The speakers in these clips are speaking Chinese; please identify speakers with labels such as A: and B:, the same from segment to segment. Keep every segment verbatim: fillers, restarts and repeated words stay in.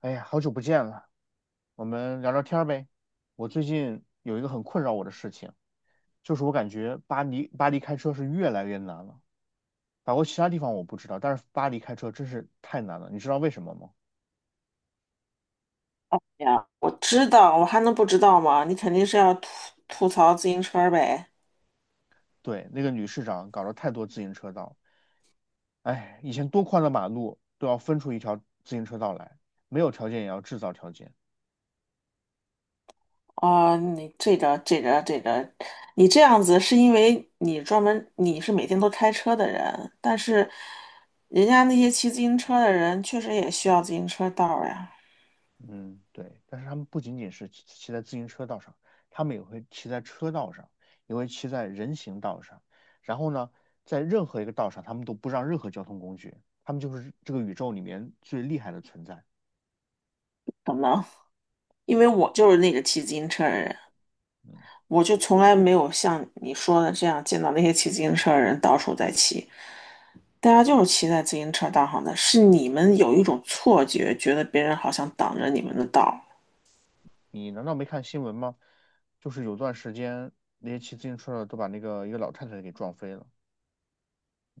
A: 哎呀，好久不见了，我们聊聊天儿呗。我最近有一个很困扰我的事情，就是我感觉巴黎巴黎开车是越来越难了。法国其他地方我不知道，但是巴黎开车真是太难了。你知道为什么吗？
B: 呀，我知道，我还能不知道吗？你肯定是要吐吐槽自行车儿呗。
A: 对，那个女市长搞了太多自行车道，哎，以前多宽的马路都要分出一条自行车道来，没有条件也要制造条件。
B: 啊、你这个这个这个，你这样子是因为你专门你是每天都开车的人，但是人家那些骑自行车的人确实也需要自行车道儿呀。
A: 嗯，对，但是他们不仅仅是骑骑在自行车道上，他们也会骑在车道上，也会骑在人行道上。然后呢，在任何一个道上，他们都不让任何交通工具，他们就是这个宇宙里面最厉害的存在。
B: 可能因为我就是那个骑自行车的人，
A: 嗯，
B: 我就从来没有像你说的这样见到那些骑自行车的人到处在骑。大家就是骑在自行车道上的，是你们有一种错觉，觉得别人好像挡着你们的道。
A: 你难道没看新闻吗？就是有段时间，那些骑自行车的都把那个一个老太太给撞飞了。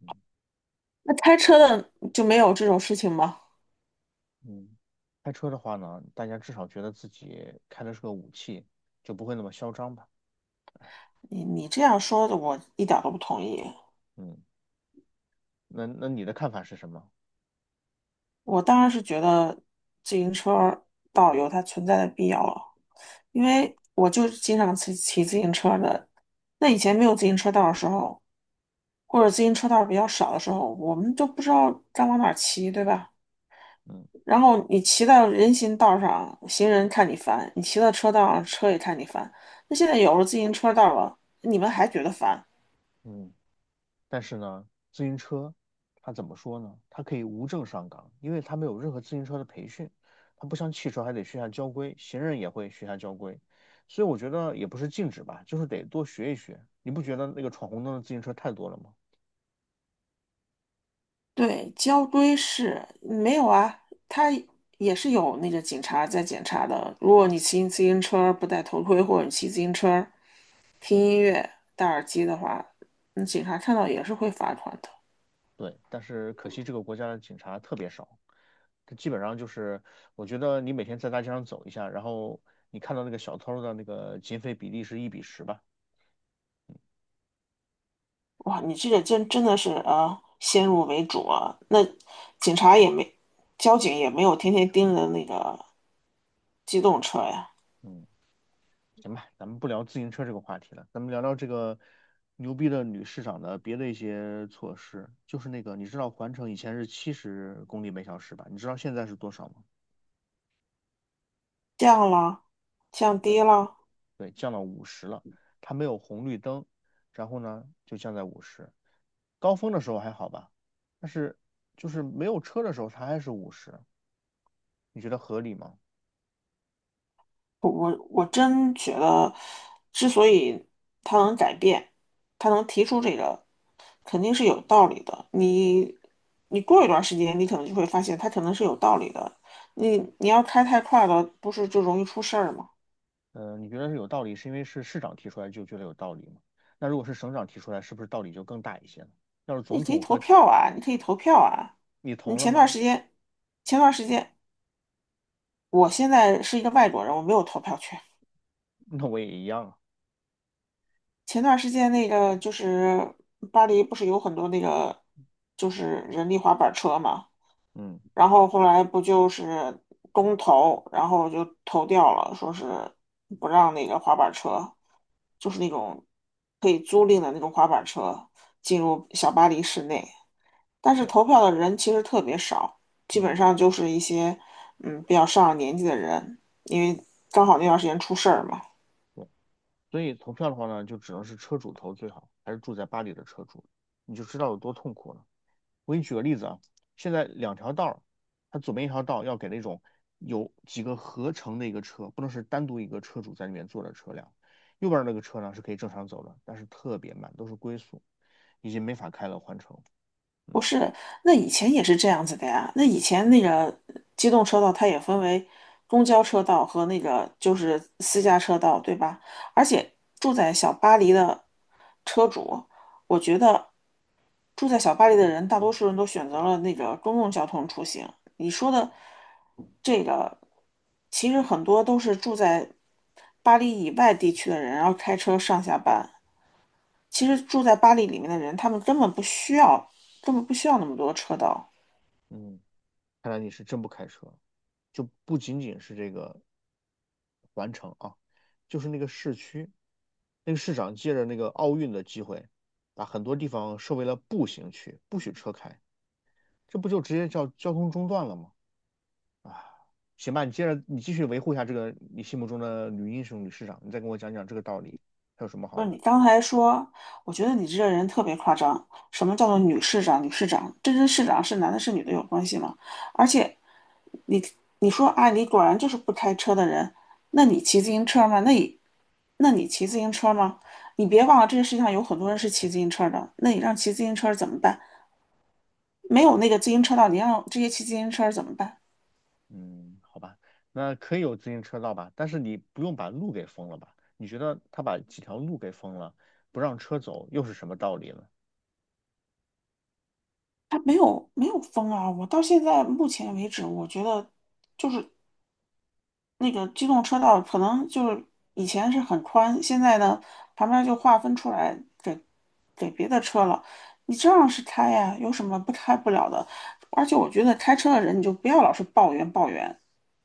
A: 嗯
B: 那开车的就没有这种事情吗？
A: 嗯，开车的话呢，大家至少觉得自己开的是个武器，就不会那么嚣张吧？
B: 你你这样说的，我一点都不同意。
A: 嗯，那那你的看法是什么？
B: 我当然是觉得自行车道有它存在的必要了，因为我就是经常骑骑自行车的。那以前没有自行车道的时候，或者自行车道比较少的时候，我们就不知道该往哪儿骑，对吧？
A: 嗯。
B: 然后你骑到人行道上，行人看你烦；你骑到车道上，车也看你烦。那现在有了自行车道了，你们还觉得烦？
A: 嗯，但是呢，自行车它怎么说呢？它可以无证上岗，因为它没有任何自行车的培训，它不像汽车还得学下交规，行人也会学下交规，所以我觉得也不是禁止吧，就是得多学一学。你不觉得那个闯红灯的自行车太多了吗？
B: 对，交规是没有啊，他也是有那个警察在检查的。如果你骑自行车不戴头盔，或者你骑自行车听音乐、戴耳机的话，那警察看到也是会罚款的。
A: 对，但是可惜这个国家的警察特别少，他基本上就是，我觉得你每天在大街上走一下，然后你看到那个小偷的那个劫匪比例是一比十吧，
B: 哇，你这个真真的是啊，先入为主啊。那警察也没，交警也没有天天盯着那个机动车呀，
A: 嗯。行吧，咱们不聊自行车这个话题了，咱们聊聊这个牛逼的女市长的别的一些措施。就是那个，你知道环城以前是七十公里每小时吧？你知道现在是多少吗？
B: 降了，降
A: 对，
B: 低了。
A: 对，降到五十了。它没有红绿灯，然后呢就降在五十。高峰的时候还好吧，但是就是没有车的时候它还是五十，你觉得合理吗？
B: 我我我真觉得，之所以他能改变，他能提出这个，肯定是有道理的。你你过一段时间，你可能就会发现他可能是有道理的。你你要开太快了，不是就容易出事儿吗？
A: 呃，你觉得是有道理，是因为是市长提出来就觉得有道理吗？那如果是省长提出来，是不是道理就更大一些了？要是
B: 那你
A: 总
B: 可以
A: 统
B: 投
A: 和
B: 票啊，你可以投票啊。
A: 你投
B: 你
A: 了
B: 前段
A: 吗？
B: 时间，前段时间，我现在是一个外国人，我没有投票权。
A: 那我也一样啊。
B: 前段时间那个就是巴黎不是有很多那个就是人力滑板车嘛，
A: 嗯，
B: 然后后来不就是公投，然后就投掉了，说是不让那个滑板车，就是那种可以租赁的那种滑板车进入小巴黎市内，但是
A: 对，
B: 投票的人其实特别少，基本
A: 嗯，
B: 上就是一些嗯比较上了年纪的人，因为刚好那段时间出事儿嘛。
A: 对。所以投票的话呢，就只能是车主投最好，还是住在巴黎的车主，你就知道有多痛苦了。我给你举个例子啊，现在两条道儿它左边一条道要给那种有几个合成的一个车，不能是单独一个车主在里面坐的车辆。右边那个车呢是可以正常走的，但是特别慢，都是龟速，已经没法开了，换乘。嗯
B: 不是，那以前也是这样子的呀。那以前那个机动车道，它也分为公交车道和那个就是私家车道，对吧？而且住在小巴黎的车主，我觉得住在小巴黎的人，大多数人都选择了那个公共交通出行。你说的这个，其实很多都是住在巴黎以外地区的人，然后开车上下班。其实住在巴黎里面的人，他们根本不需要，根本不需要那么多车道。
A: 嗯。看来你是真不开车，就不仅仅是这个环城啊，就是那个市区，那个市长借着那个奥运的机会，把很多地方设为了步行区，不许车开，这不就直接叫交通中断了吗？啊，行吧，你接着你继续维护一下这个你心目中的女英雄、女市长，你再跟我讲讲这个道理，还有什么
B: 不
A: 好
B: 是你
A: 的？
B: 刚才说，我觉得你这个人特别夸张。什么叫做女市长？女市长，这跟市长是男的是女的有关系吗？而且你你说啊，你果然就是不开车的人，那你骑自行车吗？那你那你骑自行车吗？你别忘了这个世界上有很多人是骑自行车的，那你让骑自行车怎么办？没有那个自行车道，你让这些骑自行车怎么办？
A: 嗯，好吧，那可以有自行车道吧，但是你不用把路给封了吧？你觉得他把几条路给封了，不让车走，又是什么道理呢？
B: 他没有没有风啊！我到现在目前为止，我觉得。就是。那个机动车道可能就是以前是很宽，现在呢旁边就划分出来给给别的车了。你照样是开呀，有什么不开不了的？而且我觉得开车的人你就不要老是抱怨抱怨。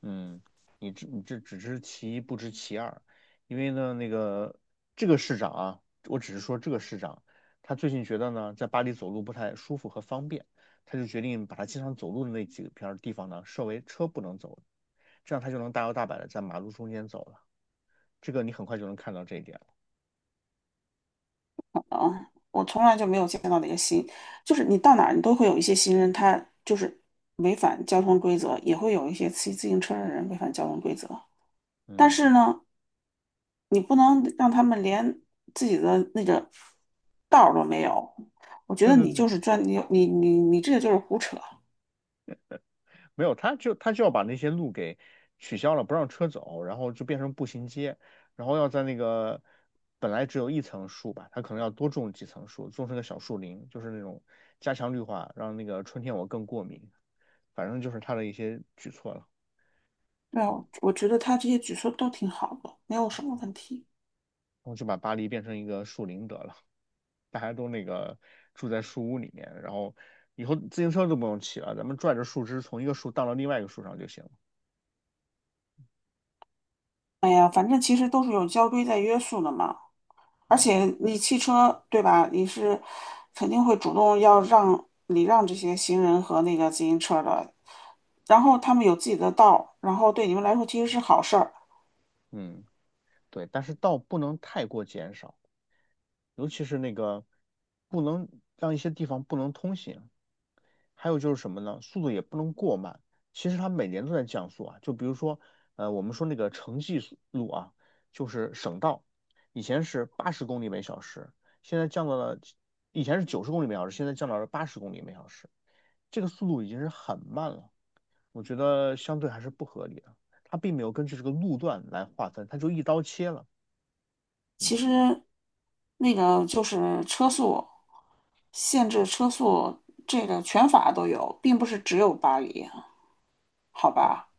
A: 嗯，你这你这只知其一不知其二，因为呢，那个这个市长啊，我只是说这个市长，他最近觉得呢，在巴黎走路不太舒服和方便，他就决定把他经常走路的那几片儿地方呢，设为车不能走，这样他就能大摇大摆的在马路中间走了。这个你很快就能看到这一点了。
B: 嗯，我从来就没有见到那个新，就是你到哪儿你都会有一些行人，他就是违反交通规则，也会有一些骑自行车的人违反交通规则。但
A: 嗯，
B: 是呢，你不能让他们连自己的那个道儿都没有。我觉
A: 对
B: 得
A: 对
B: 你
A: 对，
B: 就是专你你你你这个就是胡扯。
A: 没有，他就他就要把那些路给取消了，不让车走，然后就变成步行街，然后要在那个本来只有一层树吧，他可能要多种几层树，种成个小树林，就是那种加强绿化，让那个春天我更过敏。反正就是他的一些举措了，
B: 对啊，
A: 嗯，
B: 我觉得他这些举措都挺好的，没有什么问题。
A: 然后就把巴黎变成一个树林得了，大家都那个住在树屋里面，然后以后自行车都不用骑了，咱们拽着树枝从一个树荡到另外一个树上就行了，
B: 哎呀，反正其实都是有交规在约束的嘛。而
A: 嗯
B: 且你汽车对吧？你是肯定会主动要让礼让这些行人和那个自行车的，然后他们有自己的道儿，然后对你们来说其实是好事儿。
A: 嗯。对，但是道不能太过减少，尤其是那个不能让一些地方不能通行。还有就是什么呢？速度也不能过慢。其实它每年都在降速啊，就比如说，呃，我们说那个城际速路啊，就是省道，以前是八十公里每小时，现在降到了，以前是九十公里每小时，现在降到了八十公里每小时，这个速度已经是很慢了，我觉得相对还是不合理的。它并没有根据这个路段来划分，它就一刀切了。嗯。
B: 其实那个就是车速限制车速这个全法都有，并不是只有巴黎，好
A: 对。
B: 吧？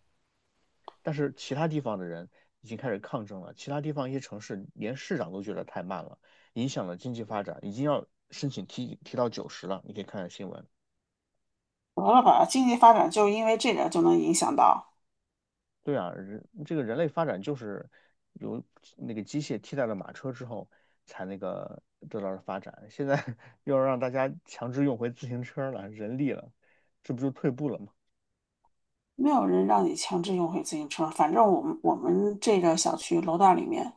A: 但是其他地方的人已经开始抗争了，其他地方一些城市连市长都觉得太慢了，影响了经济发展，已经要申请提提到九十了。你可以看看新闻。
B: 得了吧，经济发展就因为这点就能影响到，
A: 对啊，人这个人类发展就是由那个机械替代了马车之后才那个得到了发展，现在 又要让大家强制用回自行车了，人力了，这不就退步了吗？
B: 没有人让你强制用回自行车。反正我们我们这个小区楼道里面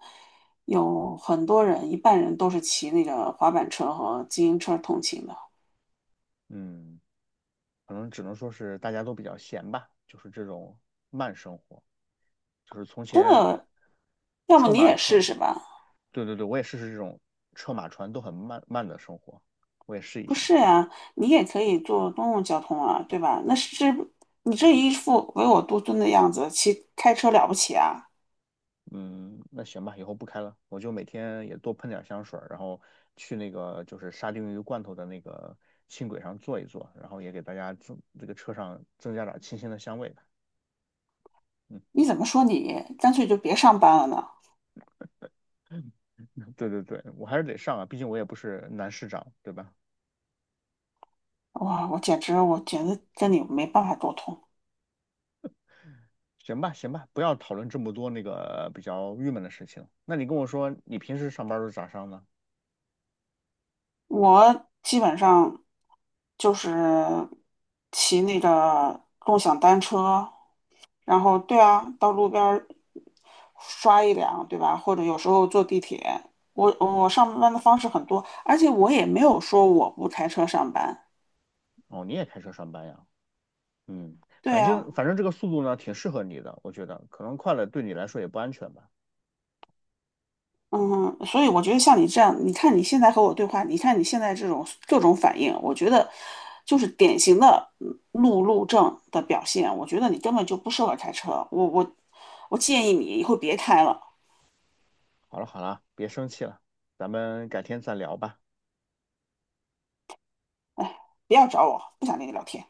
B: 有很多人，一半人都是骑那个滑板车和自行车通勤的，
A: 嗯，可能只能说是大家都比较闲吧，就是这种慢生活，就是从
B: 真
A: 前
B: 的。要么
A: 车
B: 你
A: 马
B: 也试
A: 船，
B: 试吧？
A: 对对对，我也试试这种车马船都很慢慢的生活，我也试一
B: 不
A: 下
B: 是
A: 吧。
B: 呀，你也可以坐公共交通啊，对吧？那是你这一副唯我独尊的样子，骑开车了不起啊？
A: 嗯，那行吧，以后不开了，我就每天也多喷点香水儿然后去那个就是沙丁鱼罐头的那个轻轨上坐一坐，然后也给大家增这个车上增加点儿清新的香味吧。嗯，
B: 你怎么说你干脆就别上班了呢？
A: 对对对，我还是得上啊，毕竟我也不是男市长，对吧？
B: 哇，我简直，我简直跟你没办法沟通。
A: 行吧，行吧，不要讨论这么多那个比较郁闷的事情。那你跟我说，你平时上班都是咋上呢？
B: 我基本上就是骑那个共享单车，然后对啊，到路边儿刷一辆，对吧？或者有时候坐地铁。我我上班的方式很多，而且我也没有说我不开车上班。
A: 哦，你也开车上班呀？嗯，
B: 对
A: 反
B: 啊。
A: 正反正这个速度呢，挺适合你的，我觉得可能快了对你来说也不安全吧。
B: 嗯，所以我觉得像你这样，你看你现在和我对话，你看你现在这种各种反应，我觉得就是典型的嗯路怒症的表现。我觉得你根本就不适合开车，我我我建议你以后别开了，
A: 好了好了，别生气了，咱们改天再聊吧。
B: 不要找我，不想跟你聊天。